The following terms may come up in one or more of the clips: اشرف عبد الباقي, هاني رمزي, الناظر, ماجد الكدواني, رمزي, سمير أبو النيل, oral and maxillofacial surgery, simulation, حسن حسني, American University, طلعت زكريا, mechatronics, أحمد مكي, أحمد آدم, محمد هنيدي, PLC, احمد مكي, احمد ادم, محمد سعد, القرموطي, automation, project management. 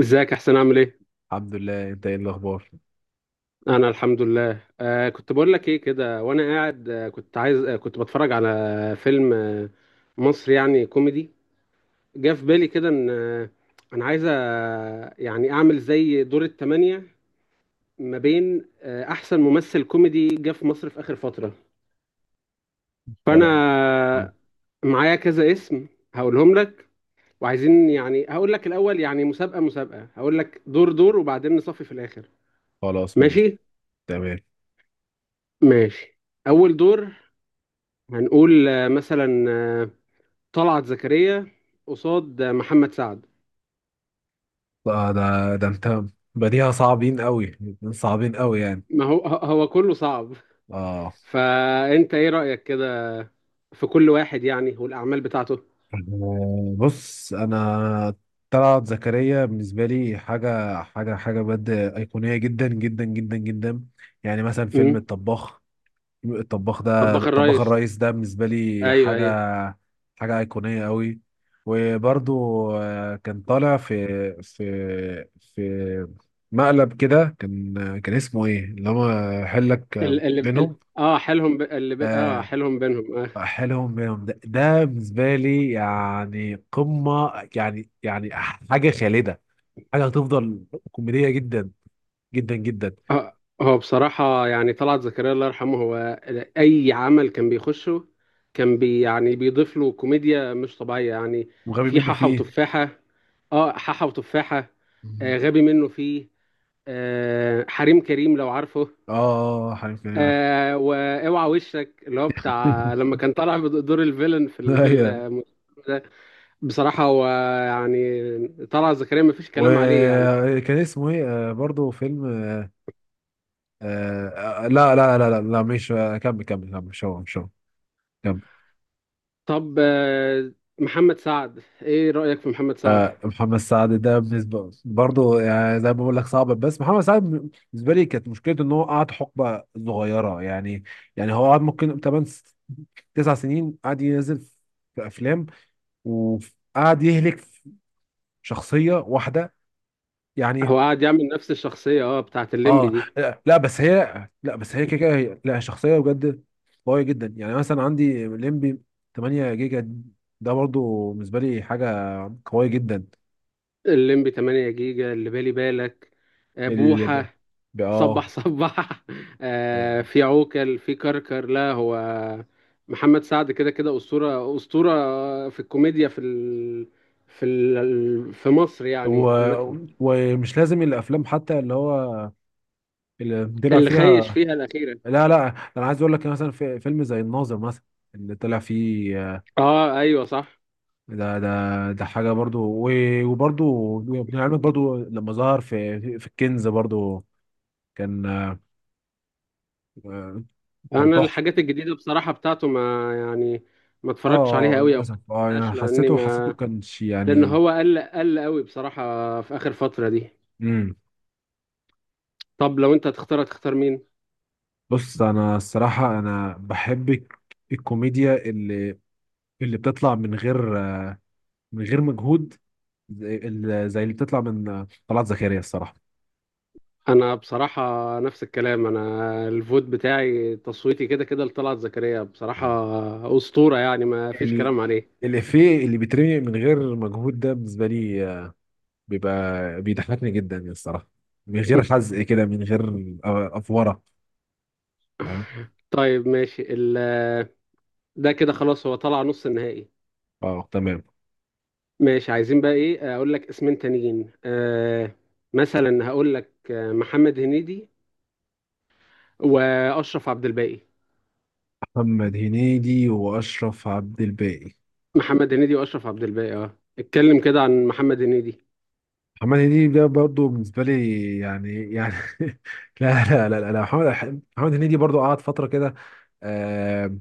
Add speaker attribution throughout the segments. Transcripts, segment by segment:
Speaker 1: ازيك يا حسين عامل ايه؟
Speaker 2: الحمد لله، انت ايه الاخبار؟
Speaker 1: انا الحمد لله كنت بقول لك ايه كده وانا قاعد، كنت عايز، كنت بتفرج على فيلم مصري يعني كوميدي. جه في بالي كده ان انا عايز، يعني اعمل زي دور التمانية ما بين احسن ممثل كوميدي جه في مصر في اخر فترة. فانا
Speaker 2: خلاص.
Speaker 1: آه، معايا كذا اسم هقولهم لك، وعايزين يعني هقول لك الاول، يعني مسابقة هقول لك دور وبعدين نصفي في الاخر.
Speaker 2: خلاص ماشي.
Speaker 1: ماشي؟
Speaker 2: تمام.
Speaker 1: ماشي. اول دور هنقول مثلا طلعت زكريا قصاد محمد سعد.
Speaker 2: آه ده ده انت بديها صعبين قوي. صعبين قوي، يعني.
Speaker 1: ما هو هو كله صعب.
Speaker 2: اه.
Speaker 1: فأنت إيه رأيك كده في كل واحد يعني، والأعمال بتاعته؟
Speaker 2: بص انا طلعت زكريا بالنسبه لي حاجه حاجه حاجه بجد ايقونيه جدا جدا جدا جدا. يعني مثلا فيلم
Speaker 1: امم،
Speaker 2: الطباخ. الطباخ ده
Speaker 1: طباخ
Speaker 2: الطباخ
Speaker 1: الريس،
Speaker 2: الرئيس ده بالنسبة لي
Speaker 1: أيوه
Speaker 2: حاجة
Speaker 1: أيوه.
Speaker 2: حاجة أيقونية قوي. وبرضو كان طالع في في مقلب كده. كان كان اسمه ايه؟ اللي هو حلك
Speaker 1: اللي, اللي
Speaker 2: بينهم.
Speaker 1: ال- اه حيلهم ب... اللي ب... اه
Speaker 2: آه
Speaker 1: حيلهم بينهم آه.
Speaker 2: حلهم بينهم ده بالنسبة لي يعني قمة، يعني حاجة خالدة، حاجة هتفضل كوميدية جدا جدا جدا،
Speaker 1: هو هو بصراحة يعني طلعت زكريا الله يرحمه، هو أي عمل كان بيخشه كان بي يعني بيضيف له كوميديا مش طبيعية يعني.
Speaker 2: وغبي
Speaker 1: في
Speaker 2: منه
Speaker 1: حاحة
Speaker 2: فيه.
Speaker 1: وتفاحة، اه حاحة وتفاحة،
Speaker 2: مم.
Speaker 1: آه غبي منه فيه، آه حريم كريم لو عارفه،
Speaker 2: اه، حبيبي، انا عارف.
Speaker 1: آه واوعى وشك اللي هو بتاع لما كان طالع بدور الفيلن في
Speaker 2: ايوه.
Speaker 1: ال-، ده بصراحة هو يعني طلعت زكريا مفيش كلام عليه يعني.
Speaker 2: وكان اسمه ايه؟ برضه فيلم. لا لا لا لا لا، مش كمل كمل كمل، مش هو. كمل.
Speaker 1: طب محمد سعد، ايه رأيك في محمد سعد؟
Speaker 2: محمد سعد ده بالنسبة برضه يعني زي ما بقول لك صعب، بس محمد سعد بالنسبة لي كانت مشكلته ان هو قعد حقبة صغيرة يعني. يعني هو قعد ممكن 8 9 سنين قعد ينزل في افلام، وقعد يهلك في شخصية واحدة
Speaker 1: هو
Speaker 2: يعني.
Speaker 1: قاعد يعمل نفس الشخصية اه بتاعت الليمبي
Speaker 2: اه.
Speaker 1: دي،
Speaker 2: لا لا، بس هي، كده كده لا، شخصيه بجد قويه جدا. يعني مثلا عندي ليمبي 8 جيجا، ده برضو بالنسبه لي حاجه قويه جدا.
Speaker 1: الليمبي 8 جيجا اللي بالي بالك،
Speaker 2: اللي ب...
Speaker 1: بوحة،
Speaker 2: ب... اه
Speaker 1: صبح
Speaker 2: آه،
Speaker 1: في عوكل، في كركر. لا هو محمد سعد كده كده أسطورة أسطورة في الكوميديا في مصر يعني
Speaker 2: و...
Speaker 1: عامة.
Speaker 2: ومش لازم الافلام، حتى اللي هو اللي طلع
Speaker 1: اللي خيش
Speaker 2: فيها.
Speaker 1: فيها الأخيرة
Speaker 2: لا لا، انا عايز اقول لك مثلا في فيلم زي الناظر مثلا، اللي طلع فيه.
Speaker 1: اه ايوه صح.
Speaker 2: ده حاجه برضو. وبرضو وابن عمك، برضو لما ظهر في الكنز، برضو كان آه، كان
Speaker 1: انا
Speaker 2: تحفة.
Speaker 1: الحاجات الجديدة بصراحة بتاعته يعني ما اتفرجتش عليها
Speaker 2: اه،
Speaker 1: قوي، او ما
Speaker 2: للأسف. اه،
Speaker 1: شفتهاش
Speaker 2: يعني،
Speaker 1: لاني
Speaker 2: حسيته،
Speaker 1: ما
Speaker 2: كانش
Speaker 1: لان
Speaker 2: يعني.
Speaker 1: هو قل قوي بصراحه في اخر فتره دي.
Speaker 2: امم.
Speaker 1: طب لو انت تختار، تختار مين؟
Speaker 2: بص أنا الصراحة أنا بحب الكوميديا اللي بتطلع من غير مجهود، زي اللي بتطلع من طلعت زكريا، الصراحة.
Speaker 1: انا بصراحه نفس الكلام، انا الفوت بتاعي تصويتي كده كده لطلعت زكريا بصراحه،
Speaker 2: اه.
Speaker 1: اسطوره يعني ما فيش
Speaker 2: ال...
Speaker 1: كلام عليه.
Speaker 2: الإفيه اللي بيترمي من غير مجهود ده بالنسبة لي بيبقى بيضحكني جدا يعني، الصراحة، من غير حزق كده، من غير أفورة، فاهم.
Speaker 1: طيب ماشي ال-، ده كده خلاص هو طلع نص النهائي.
Speaker 2: اه، تمام.
Speaker 1: ماشي، عايزين بقى ايه، اقول لك اسمين تانيين آه، مثلا هقول لك محمد هنيدي واشرف عبد الباقي.
Speaker 2: محمد هنيدي وأشرف عبد الباقي.
Speaker 1: محمد هنيدي واشرف عبد الباقي، اه اتكلم كده عن محمد هنيدي.
Speaker 2: محمد هنيدي ده برضه بالنسبه لي يعني لا لا لا لا، محمد هنيدي برضه قعد فتره كده، آه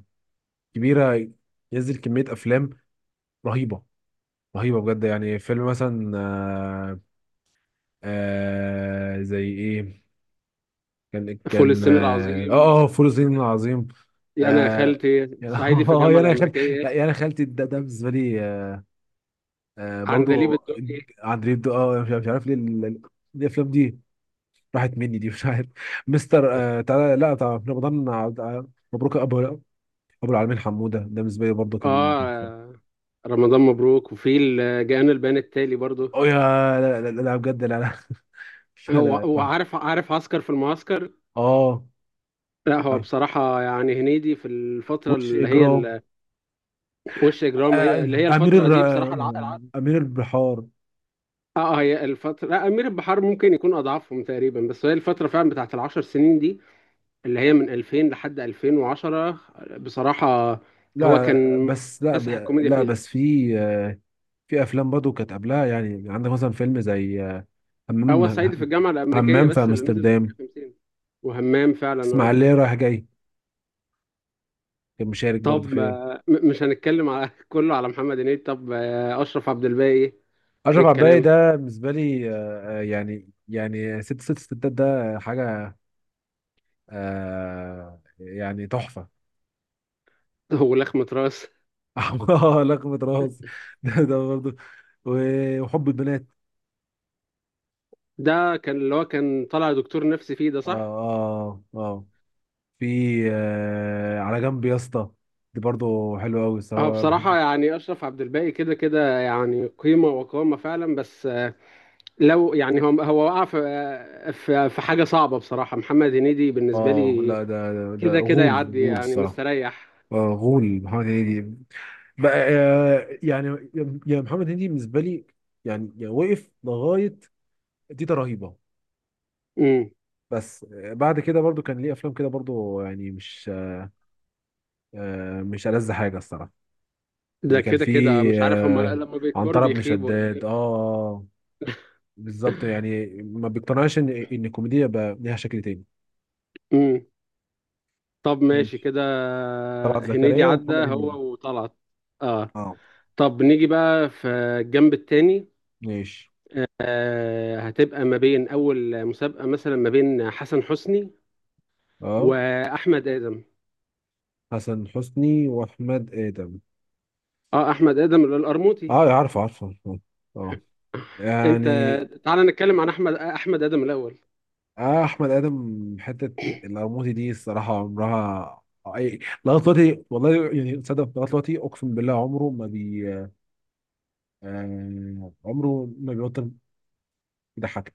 Speaker 2: كبيره، ينزل كميه افلام رهيبه رهيبه بجد. يعني فيلم مثلا، زي ايه، كان
Speaker 1: فول
Speaker 2: كان
Speaker 1: الصين
Speaker 2: اه
Speaker 1: العظيم،
Speaker 2: اه آه، فول الصين العظيم.
Speaker 1: يا انا يا
Speaker 2: آه
Speaker 1: خالتي،
Speaker 2: يعني
Speaker 1: صعيدي في
Speaker 2: اه،
Speaker 1: الجامعه
Speaker 2: يعني انا خالتي، لا
Speaker 1: الامريكيه،
Speaker 2: يعني انا خالتي ده بالنسبه لي
Speaker 1: عندليب
Speaker 2: برضه.
Speaker 1: الدقي،
Speaker 2: اه مش عارف، ليه الافلام دي راحت مني دي، مش عارف. مستر تعالى، لا، طبعا رمضان مبروك ابو العالمين، حموده، ده بالنسبه لي برضه كان.
Speaker 1: اه رمضان مبروك وفي الجان البيان التالي برضو،
Speaker 2: او يا، لا لا لا, لا، بجد، لا لا. لا
Speaker 1: هو
Speaker 2: لا،
Speaker 1: هو
Speaker 2: تحفه.
Speaker 1: عارف، عارف، عسكر في المعسكر.
Speaker 2: اه،
Speaker 1: لا هو
Speaker 2: عارف،
Speaker 1: بصراحة يعني هنيدي في الفترة
Speaker 2: وش
Speaker 1: اللي هي
Speaker 2: اجرام.
Speaker 1: ال-، وش إجرام، أي- اللي
Speaker 2: آه
Speaker 1: هي
Speaker 2: امير
Speaker 1: الفترة
Speaker 2: الر...
Speaker 1: دي بصراحة
Speaker 2: آه، امير البحار.
Speaker 1: اه هي الفترة، لا أمير البحار ممكن يكون أضعفهم تقريبا، بس هي الفترة فعلا بتاعت العشر سنين دي اللي هي من 2000 لحد 2010 بصراحة هو
Speaker 2: لا لا،
Speaker 1: كان
Speaker 2: بس لا،
Speaker 1: مكتسح الكوميديا
Speaker 2: لا
Speaker 1: فيها.
Speaker 2: بس في في افلام برضه كانت قبلها، يعني عندك مثلا فيلم زي
Speaker 1: هو صعيدي في
Speaker 2: همام.
Speaker 1: الجامعة الأمريكية
Speaker 2: همام في
Speaker 1: بس اللي نزل
Speaker 2: امستردام،
Speaker 1: 58، وهمام فعلا اه.
Speaker 2: اسماعيليه رايح جاي، كان مشارك برضه
Speaker 1: طب
Speaker 2: فيها.
Speaker 1: مش هنتكلم على كله على محمد هنيدي. طب أشرف عبد الباقي، إيه
Speaker 2: اشرف عباية
Speaker 1: الكلام!
Speaker 2: ده بالنسبه لي يعني ست ست ستات، ده حاجه. يعني تحفه.
Speaker 1: ولخمة راس،
Speaker 2: لقمة راس. ده برضه، وحب البنات.
Speaker 1: ده كان اللي هو كان طالع دكتور نفسي فيه ده
Speaker 2: اه،
Speaker 1: صح؟
Speaker 2: اه، اه. في على جنب يا اسطى، دي برضه حلوه قوي
Speaker 1: اه
Speaker 2: الصراحه، بحب.
Speaker 1: بصراحة يعني أشرف عبد الباقي كده كده يعني قيمة وقامة فعلا، بس لو يعني هو وقع في في حاجة صعبة. بصراحة محمد هنيدي بالنسبة
Speaker 2: اه،
Speaker 1: لي
Speaker 2: لا، ده
Speaker 1: كده كده
Speaker 2: غول.
Speaker 1: يعدي
Speaker 2: غول
Speaker 1: يعني
Speaker 2: الصراحه.
Speaker 1: مستريح.
Speaker 2: اه، غول. محمد هنيدي بقى يعني، يا محمد هنيدي بالنسبه لي، يعني وقف لغايه تيتا، رهيبه.
Speaker 1: امم.
Speaker 2: بس بعد كده برضو كان ليه افلام كده برضو، يعني مش ألذ حاجه الصراحه.
Speaker 1: ده
Speaker 2: يعني كان
Speaker 1: كده
Speaker 2: في
Speaker 1: كده مش عارف، هم
Speaker 2: آه،
Speaker 1: لما بيكبروا
Speaker 2: عنترة بن
Speaker 1: بيخيبوا ولا
Speaker 2: شداد.
Speaker 1: ايه؟
Speaker 2: اه، بالظبط، يعني ما بيقتنعش ان الكوميديا بقى ليها شكل تاني.
Speaker 1: امم. طب ماشي
Speaker 2: ماشي،
Speaker 1: كده.
Speaker 2: طلعت
Speaker 1: هنيدي
Speaker 2: زكريا
Speaker 1: عدى
Speaker 2: ومحمد هنيدي.
Speaker 1: هو وطلعت، اه.
Speaker 2: اه.
Speaker 1: طب نيجي بقى في الجنب التاني.
Speaker 2: ماشي.
Speaker 1: آه هتبقى ما بين اول مسابقة مثلا ما بين حسن حسني
Speaker 2: اه.
Speaker 1: واحمد ادم.
Speaker 2: حسن حسني واحمد ادم.
Speaker 1: اه احمد ادم القرموطي.
Speaker 2: اه، عارفه عارفه. اه. آه.
Speaker 1: انت
Speaker 2: يعني،
Speaker 1: تعال نتكلم عن احمد ادم الاول.
Speaker 2: اه، احمد ادم، حته القرموطي دي، الصراحه، عمرها اي لغايه دلوقتي، والله يعني، تصدق لغايه دلوقتي اقسم بالله عمره ما عمره ما بيبطل يضحك.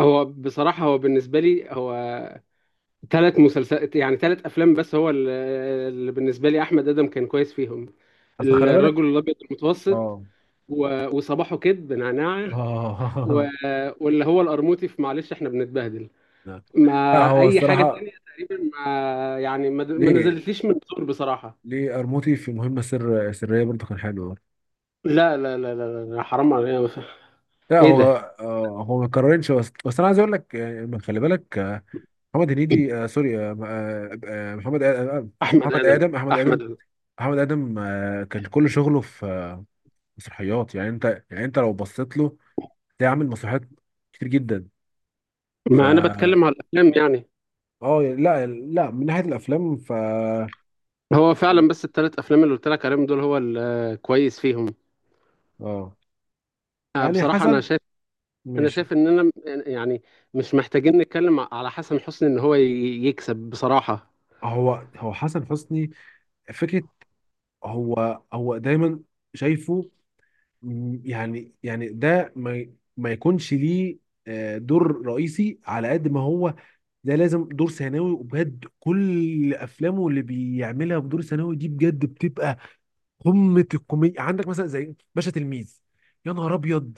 Speaker 1: هو بصراحة، هو بالنسبة لي، هو ثلاث مسلسلات يعني ثلاث أفلام بس هو ال- اللي بالنسبة لي أحمد آدم كان كويس فيهم:
Speaker 2: اصل خلي بالك.
Speaker 1: الرجل الأبيض المتوسط،
Speaker 2: اه،
Speaker 1: وصباحه كده بنعناع، و-
Speaker 2: اه.
Speaker 1: واللي هو القرموطي في معلش إحنا بنتبهدل.
Speaker 2: لا
Speaker 1: ما
Speaker 2: لا، هو
Speaker 1: أي حاجة
Speaker 2: الصراحه
Speaker 1: تانية تقريبا ما يعني ما ما
Speaker 2: ليه
Speaker 1: نزلتليش من الدور بصراحة.
Speaker 2: ليه، قرموطي في مهمه سريه برضه كان حلو.
Speaker 1: لا حرام عليا،
Speaker 2: لا
Speaker 1: إيه
Speaker 2: هو.
Speaker 1: ده!
Speaker 2: هو ما يتكررش، بس انا عايز اقول لك، خلي بالك، آه، محمد هنيدي آه سوري آه آه، آه، محمد آه، آه،
Speaker 1: أحمد
Speaker 2: محمد
Speaker 1: آدم،
Speaker 2: ادم احمد ادم.
Speaker 1: أحمد آدم.
Speaker 2: محمد آدم كان كل شغله في مسرحيات. يعني انت، يعني انت لو بصيت له تلاقيه عامل مسرحيات كتير جدا، ف
Speaker 1: ما أنا بتكلم على الأفلام يعني.
Speaker 2: اه لا لا، من ناحية الافلام، ف
Speaker 1: هو فعلا بس الثلاث افلام اللي قلت لك عليهم دول هو الكويس فيهم.
Speaker 2: اه يعني
Speaker 1: بصراحه انا
Speaker 2: حسن،
Speaker 1: شايف، انا
Speaker 2: ماشي.
Speaker 1: شايف اننا م- يعني مش محتاجين نتكلم ع- على حسن حسني ان هو ي- يكسب بصراحه.
Speaker 2: هو حسن حسني فكرة، هو هو دايما شايفه، يعني، يعني ده ما ما يكونش ليه دور رئيسي، على قد ما هو ده لازم دور ثانوي. وبجد كل افلامه اللي بيعملها بدور ثانوي دي بجد بتبقى قمه الكوميديا. عندك مثلا زي باشا تلميذ، يا نهار ابيض،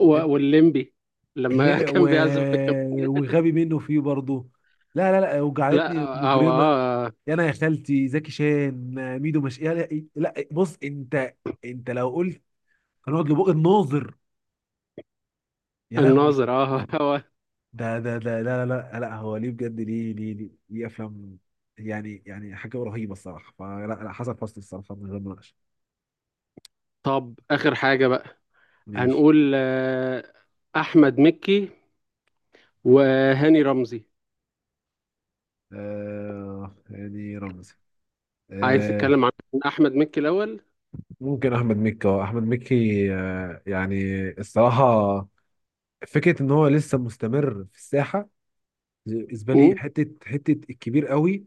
Speaker 1: والليمبي لما
Speaker 2: اللي- و...
Speaker 1: كان بيعزف كان،
Speaker 2: وغبي منه فيه برضه، لا لا لا،
Speaker 1: لا
Speaker 2: وجعلتني
Speaker 1: هو
Speaker 2: مجرمه،
Speaker 1: اه
Speaker 2: يا انا يا خالتي، زكي شان ميدو، مش، يا لا, لا بص، انت، انت لو قلت هنقعد لبق الناظر، يا لهوي،
Speaker 1: الناظر اه. هو
Speaker 2: ده لا لا لا لا، هو ليه بجد ليه، ليه افلام، يعني، يعني حاجه رهيبه الصراحه. فلا لا، حسن حسني الصراحه من غير مناقشه.
Speaker 1: طب اخر حاجه بقى،
Speaker 2: ماشي.
Speaker 1: هنقول احمد مكي وهاني رمزي.
Speaker 2: آه يعني رمزي
Speaker 1: عايز تتكلم
Speaker 2: آه
Speaker 1: عن احمد مكي الاول.
Speaker 2: ممكن احمد مكي. اه، احمد مكي يعني الصراحه فكره ان هو لسه مستمر في الساحه، بالنسبه لي
Speaker 1: مم.
Speaker 2: حته، حته الكبير قوي.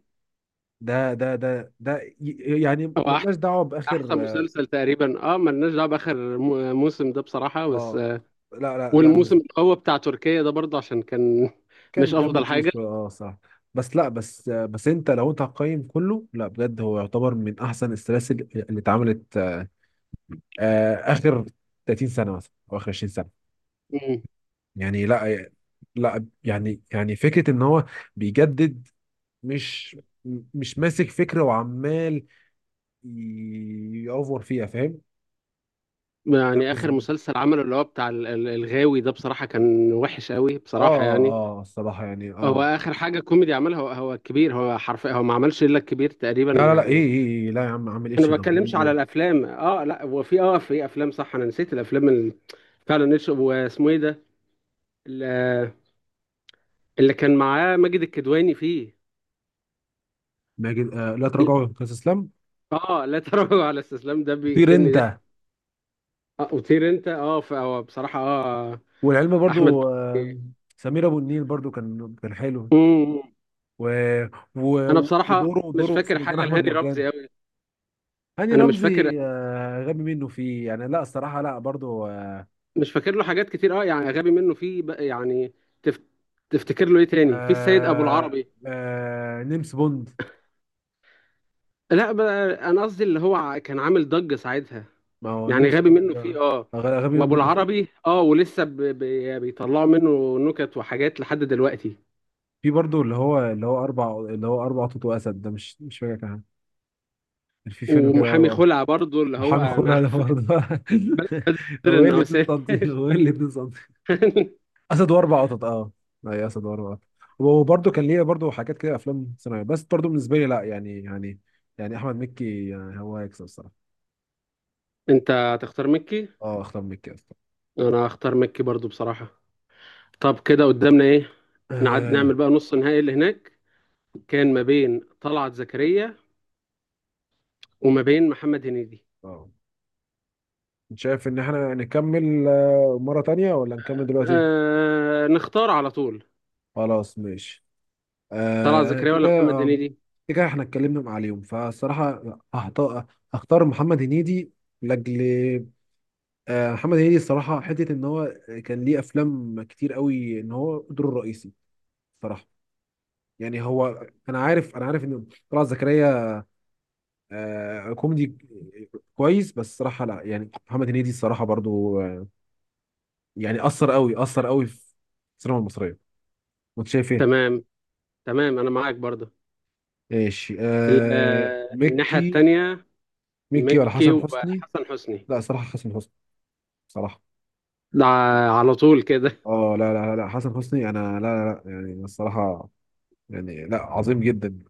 Speaker 2: يعني ملناش دعوه
Speaker 1: احسن
Speaker 2: باخر. اه.
Speaker 1: مسلسل تقريبا اه ملناش دعوه باخر موسم ده بصراحه، بس
Speaker 2: آه، لا لا لا،
Speaker 1: والموسم
Speaker 2: مش
Speaker 1: القوي بتاع تركيا ده برضه عشان كان
Speaker 2: كان
Speaker 1: مش
Speaker 2: دمه
Speaker 1: افضل
Speaker 2: تقيل
Speaker 1: حاجه.
Speaker 2: شويه. اه، صح. بس لا، بس انت لو انت هتقيم كله، لا بجد، هو يعتبر من احسن السلاسل اللي اتعملت اخر 30 سنه مثلا، او اخر 20 سنه،
Speaker 1: مم.
Speaker 2: يعني. لا لا، يعني، يعني فكره ان هو بيجدد، مش ماسك فكرة وعمال يأوفر فيها، فاهم. ده
Speaker 1: يعني اخر
Speaker 2: بالنسبة
Speaker 1: مسلسل عمله اللي هو بتاع الغاوي ده بصراحه كان وحش قوي بصراحه
Speaker 2: اه،
Speaker 1: يعني.
Speaker 2: اه، الصراحة يعني اه.
Speaker 1: اخر حاجه كوميدي عملها هو، هو الكبير. هو حرفيا هو ما عملش الا الكبير تقريبا
Speaker 2: لا لا لا، ايه
Speaker 1: يعني.
Speaker 2: ايه، إيه، لا يا عم، عامل
Speaker 1: انا
Speaker 2: اتش
Speaker 1: ما بتكلمش على
Speaker 2: دبور.
Speaker 1: الافلام. اه لا هو في اه في افلام صح، انا نسيت الافلام اللي فعلا نتش- واسمه ايه ده، اللي اللي كان معاه ماجد الكدواني فيه.
Speaker 2: ماجد. لا تراجعوا يا كاس اسلام.
Speaker 1: اه لا تراجع على استسلام، ده
Speaker 2: طير
Speaker 1: بيقتلني ضحك.
Speaker 2: انت.
Speaker 1: آه وطير انت، اه ف- هو بصراحه اه
Speaker 2: والعلم
Speaker 1: احمد.
Speaker 2: برضو. سمير ابو النيل برضو كان كان حلو.
Speaker 1: مم.
Speaker 2: و...
Speaker 1: انا بصراحه
Speaker 2: ودوره،
Speaker 1: مش
Speaker 2: دوره في
Speaker 1: فاكر
Speaker 2: مرجان
Speaker 1: حاجه
Speaker 2: احمد
Speaker 1: لهاني
Speaker 2: مرجان.
Speaker 1: رمزي قوي.
Speaker 2: هاني
Speaker 1: انا مش فاكر،
Speaker 2: رمزي غبي منه فيه يعني، لا، الصراحة لا، برضو.
Speaker 1: مش فاكر له حاجات كتير اه، يعني غبي منه في بقى- يعني تف... تفتكر له ايه تاني؟ في السيد ابو
Speaker 2: آه
Speaker 1: العربي.
Speaker 2: آه، نيمس بوند.
Speaker 1: لا بقى انا قصدي اللي هو ع- كان عامل ضجه ساعتها
Speaker 2: ما هو
Speaker 1: يعني،
Speaker 2: نمسك
Speaker 1: غبي
Speaker 2: برضه
Speaker 1: منه
Speaker 2: ده.
Speaker 1: فيه اه،
Speaker 2: غبي غبي
Speaker 1: وابو
Speaker 2: منه في.
Speaker 1: العربي اه، ولسه يعني بيطلعوا منه نكت وحاجات لحد دلوقتي.
Speaker 2: في برضه اللي هو، اللي هو اربع قطط واسد ده، مش، مش فاكر كان كان في فيلم كده
Speaker 1: ومحامي
Speaker 2: اربع.
Speaker 1: خلع برضه اللي هو
Speaker 2: محامي خلع
Speaker 1: انا
Speaker 2: ده برضه.
Speaker 1: بدر
Speaker 2: هو ايه اللي 2
Speaker 1: النواسير.
Speaker 2: سم؟ هو ايه اللي 2 سم؟ اسد واربع قطط. اه، اي، اسد واربع قطط، وبرضه كان ليه برضه حاجات كده، افلام ثانويه، بس برضه بالنسبه لي لا، يعني، يعني يعني احمد مكي يعني هو هيكسب الصراحه.
Speaker 1: انت هتختار مكي.
Speaker 2: اه، اختار مكي اصلا.
Speaker 1: انا هختار مكي برضو بصراحة. طب كده قدامنا ايه؟ نعد نعمل
Speaker 2: اه.
Speaker 1: بقى نص النهائي اللي هناك كان ما بين طلعت زكريا وما بين محمد هنيدي.
Speaker 2: آه. شايف ان احنا نكمل مره تانية ولا نكمل دلوقتي؟
Speaker 1: آه نختار على طول.
Speaker 2: خلاص ماشي.
Speaker 1: طلعت
Speaker 2: آه
Speaker 1: زكريا
Speaker 2: كده
Speaker 1: ولا
Speaker 2: كده
Speaker 1: محمد
Speaker 2: آه،
Speaker 1: هنيدي؟
Speaker 2: كده كده احنا اتكلمنا عليهم فالصراحة هحط- هختار محمد هنيدي، لأجل محمد هنيدي الصراحة، حتة إن هو كان ليه أفلام كتير قوي إن هو دوره الرئيسي صراحة. يعني هو، أنا عارف، إن طلعت زكريا كوميدي كويس، بس الصراحة لا يعني، محمد هنيدي الصراحة برضو، يعني أثر قوي، أثر قوي في السينما المصرية. وأنت شايف إيه؟
Speaker 1: تمام، تمام انا معاك برضو.
Speaker 2: ماشي.
Speaker 1: ال-
Speaker 2: آه،
Speaker 1: الناحية
Speaker 2: مكي.
Speaker 1: التانية،
Speaker 2: مكي ولا
Speaker 1: مكي
Speaker 2: حسن حسني؟
Speaker 1: وحسن حسني.
Speaker 2: لا، صراحة حسن حسني، بصراحة.
Speaker 1: ده على طول كده.
Speaker 2: اه، لا لا لا، حسن حسني، انا لا لا لا، يعني الصراحة، يعني لا، عظيم جدا.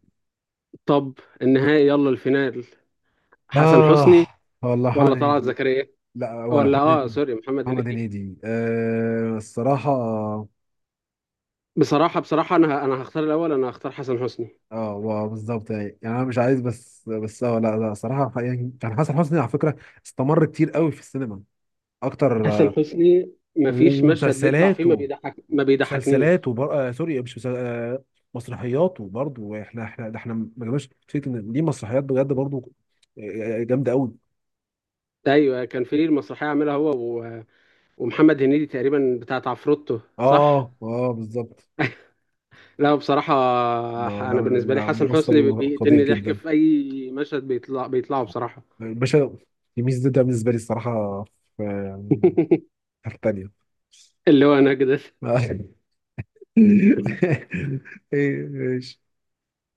Speaker 1: طب النهائي، يلا الفينال. حسن
Speaker 2: اه،
Speaker 1: حسني
Speaker 2: والله محمد
Speaker 1: ولا طلعت
Speaker 2: هنيدي.
Speaker 1: زكريا
Speaker 2: لا، ولا
Speaker 1: ولا،
Speaker 2: محمد
Speaker 1: اه
Speaker 2: هنيدي.
Speaker 1: سوري، محمد
Speaker 2: محمد
Speaker 1: هنيدي.
Speaker 2: هنيدي الصراحة.
Speaker 1: بصراحة بصراحة انا ه-، انا هختار الاول، انا هختار حسن حسني.
Speaker 2: اه، بالظبط، يعني، يعني انا مش عايز، بس بس اه، لا لا، صراحة يعني كان حسن حسني على فكرة استمر كتير قوي في السينما، اكتر
Speaker 1: حسن حسني مفيش مشهد بيطلع فيه ما
Speaker 2: ومسلسلاته،
Speaker 1: بيضحك ما بيضحكنيش.
Speaker 2: مسلسلات وبر... آه سوري مش مسل... آه مسرحيات، وبرضه احنا، احنا ده احنا ما جبناش فكرة ان دي مسرحيات، بجد برضه جامدة قوي.
Speaker 1: ايوه كان في المسرحية عاملها هو و... ومحمد هنيدي تقريبا بتاعت عفروتو صح.
Speaker 2: اه، اه، بالظبط.
Speaker 1: لا بصراحة ح-
Speaker 2: لا لا،
Speaker 1: انا بالنسبة لي
Speaker 2: لا،
Speaker 1: حسن حسني بي-
Speaker 2: ممثل قدير
Speaker 1: بيقتلني ضحك
Speaker 2: جدا
Speaker 1: في اي مشهد بيطلع بيطلعه بصراحة.
Speaker 2: باشا، يميز. ده بالنسبة لي الصراحة في يعني حتة تانية.
Speaker 1: اللي هو انا كده.
Speaker 2: ايه ايش.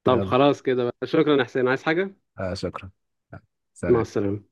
Speaker 1: طب
Speaker 2: يلا.
Speaker 1: خلاص كده بقى، شكرا يا حسين، عايز حاجة؟
Speaker 2: شكرا.
Speaker 1: مع
Speaker 2: سلام.
Speaker 1: السلامة.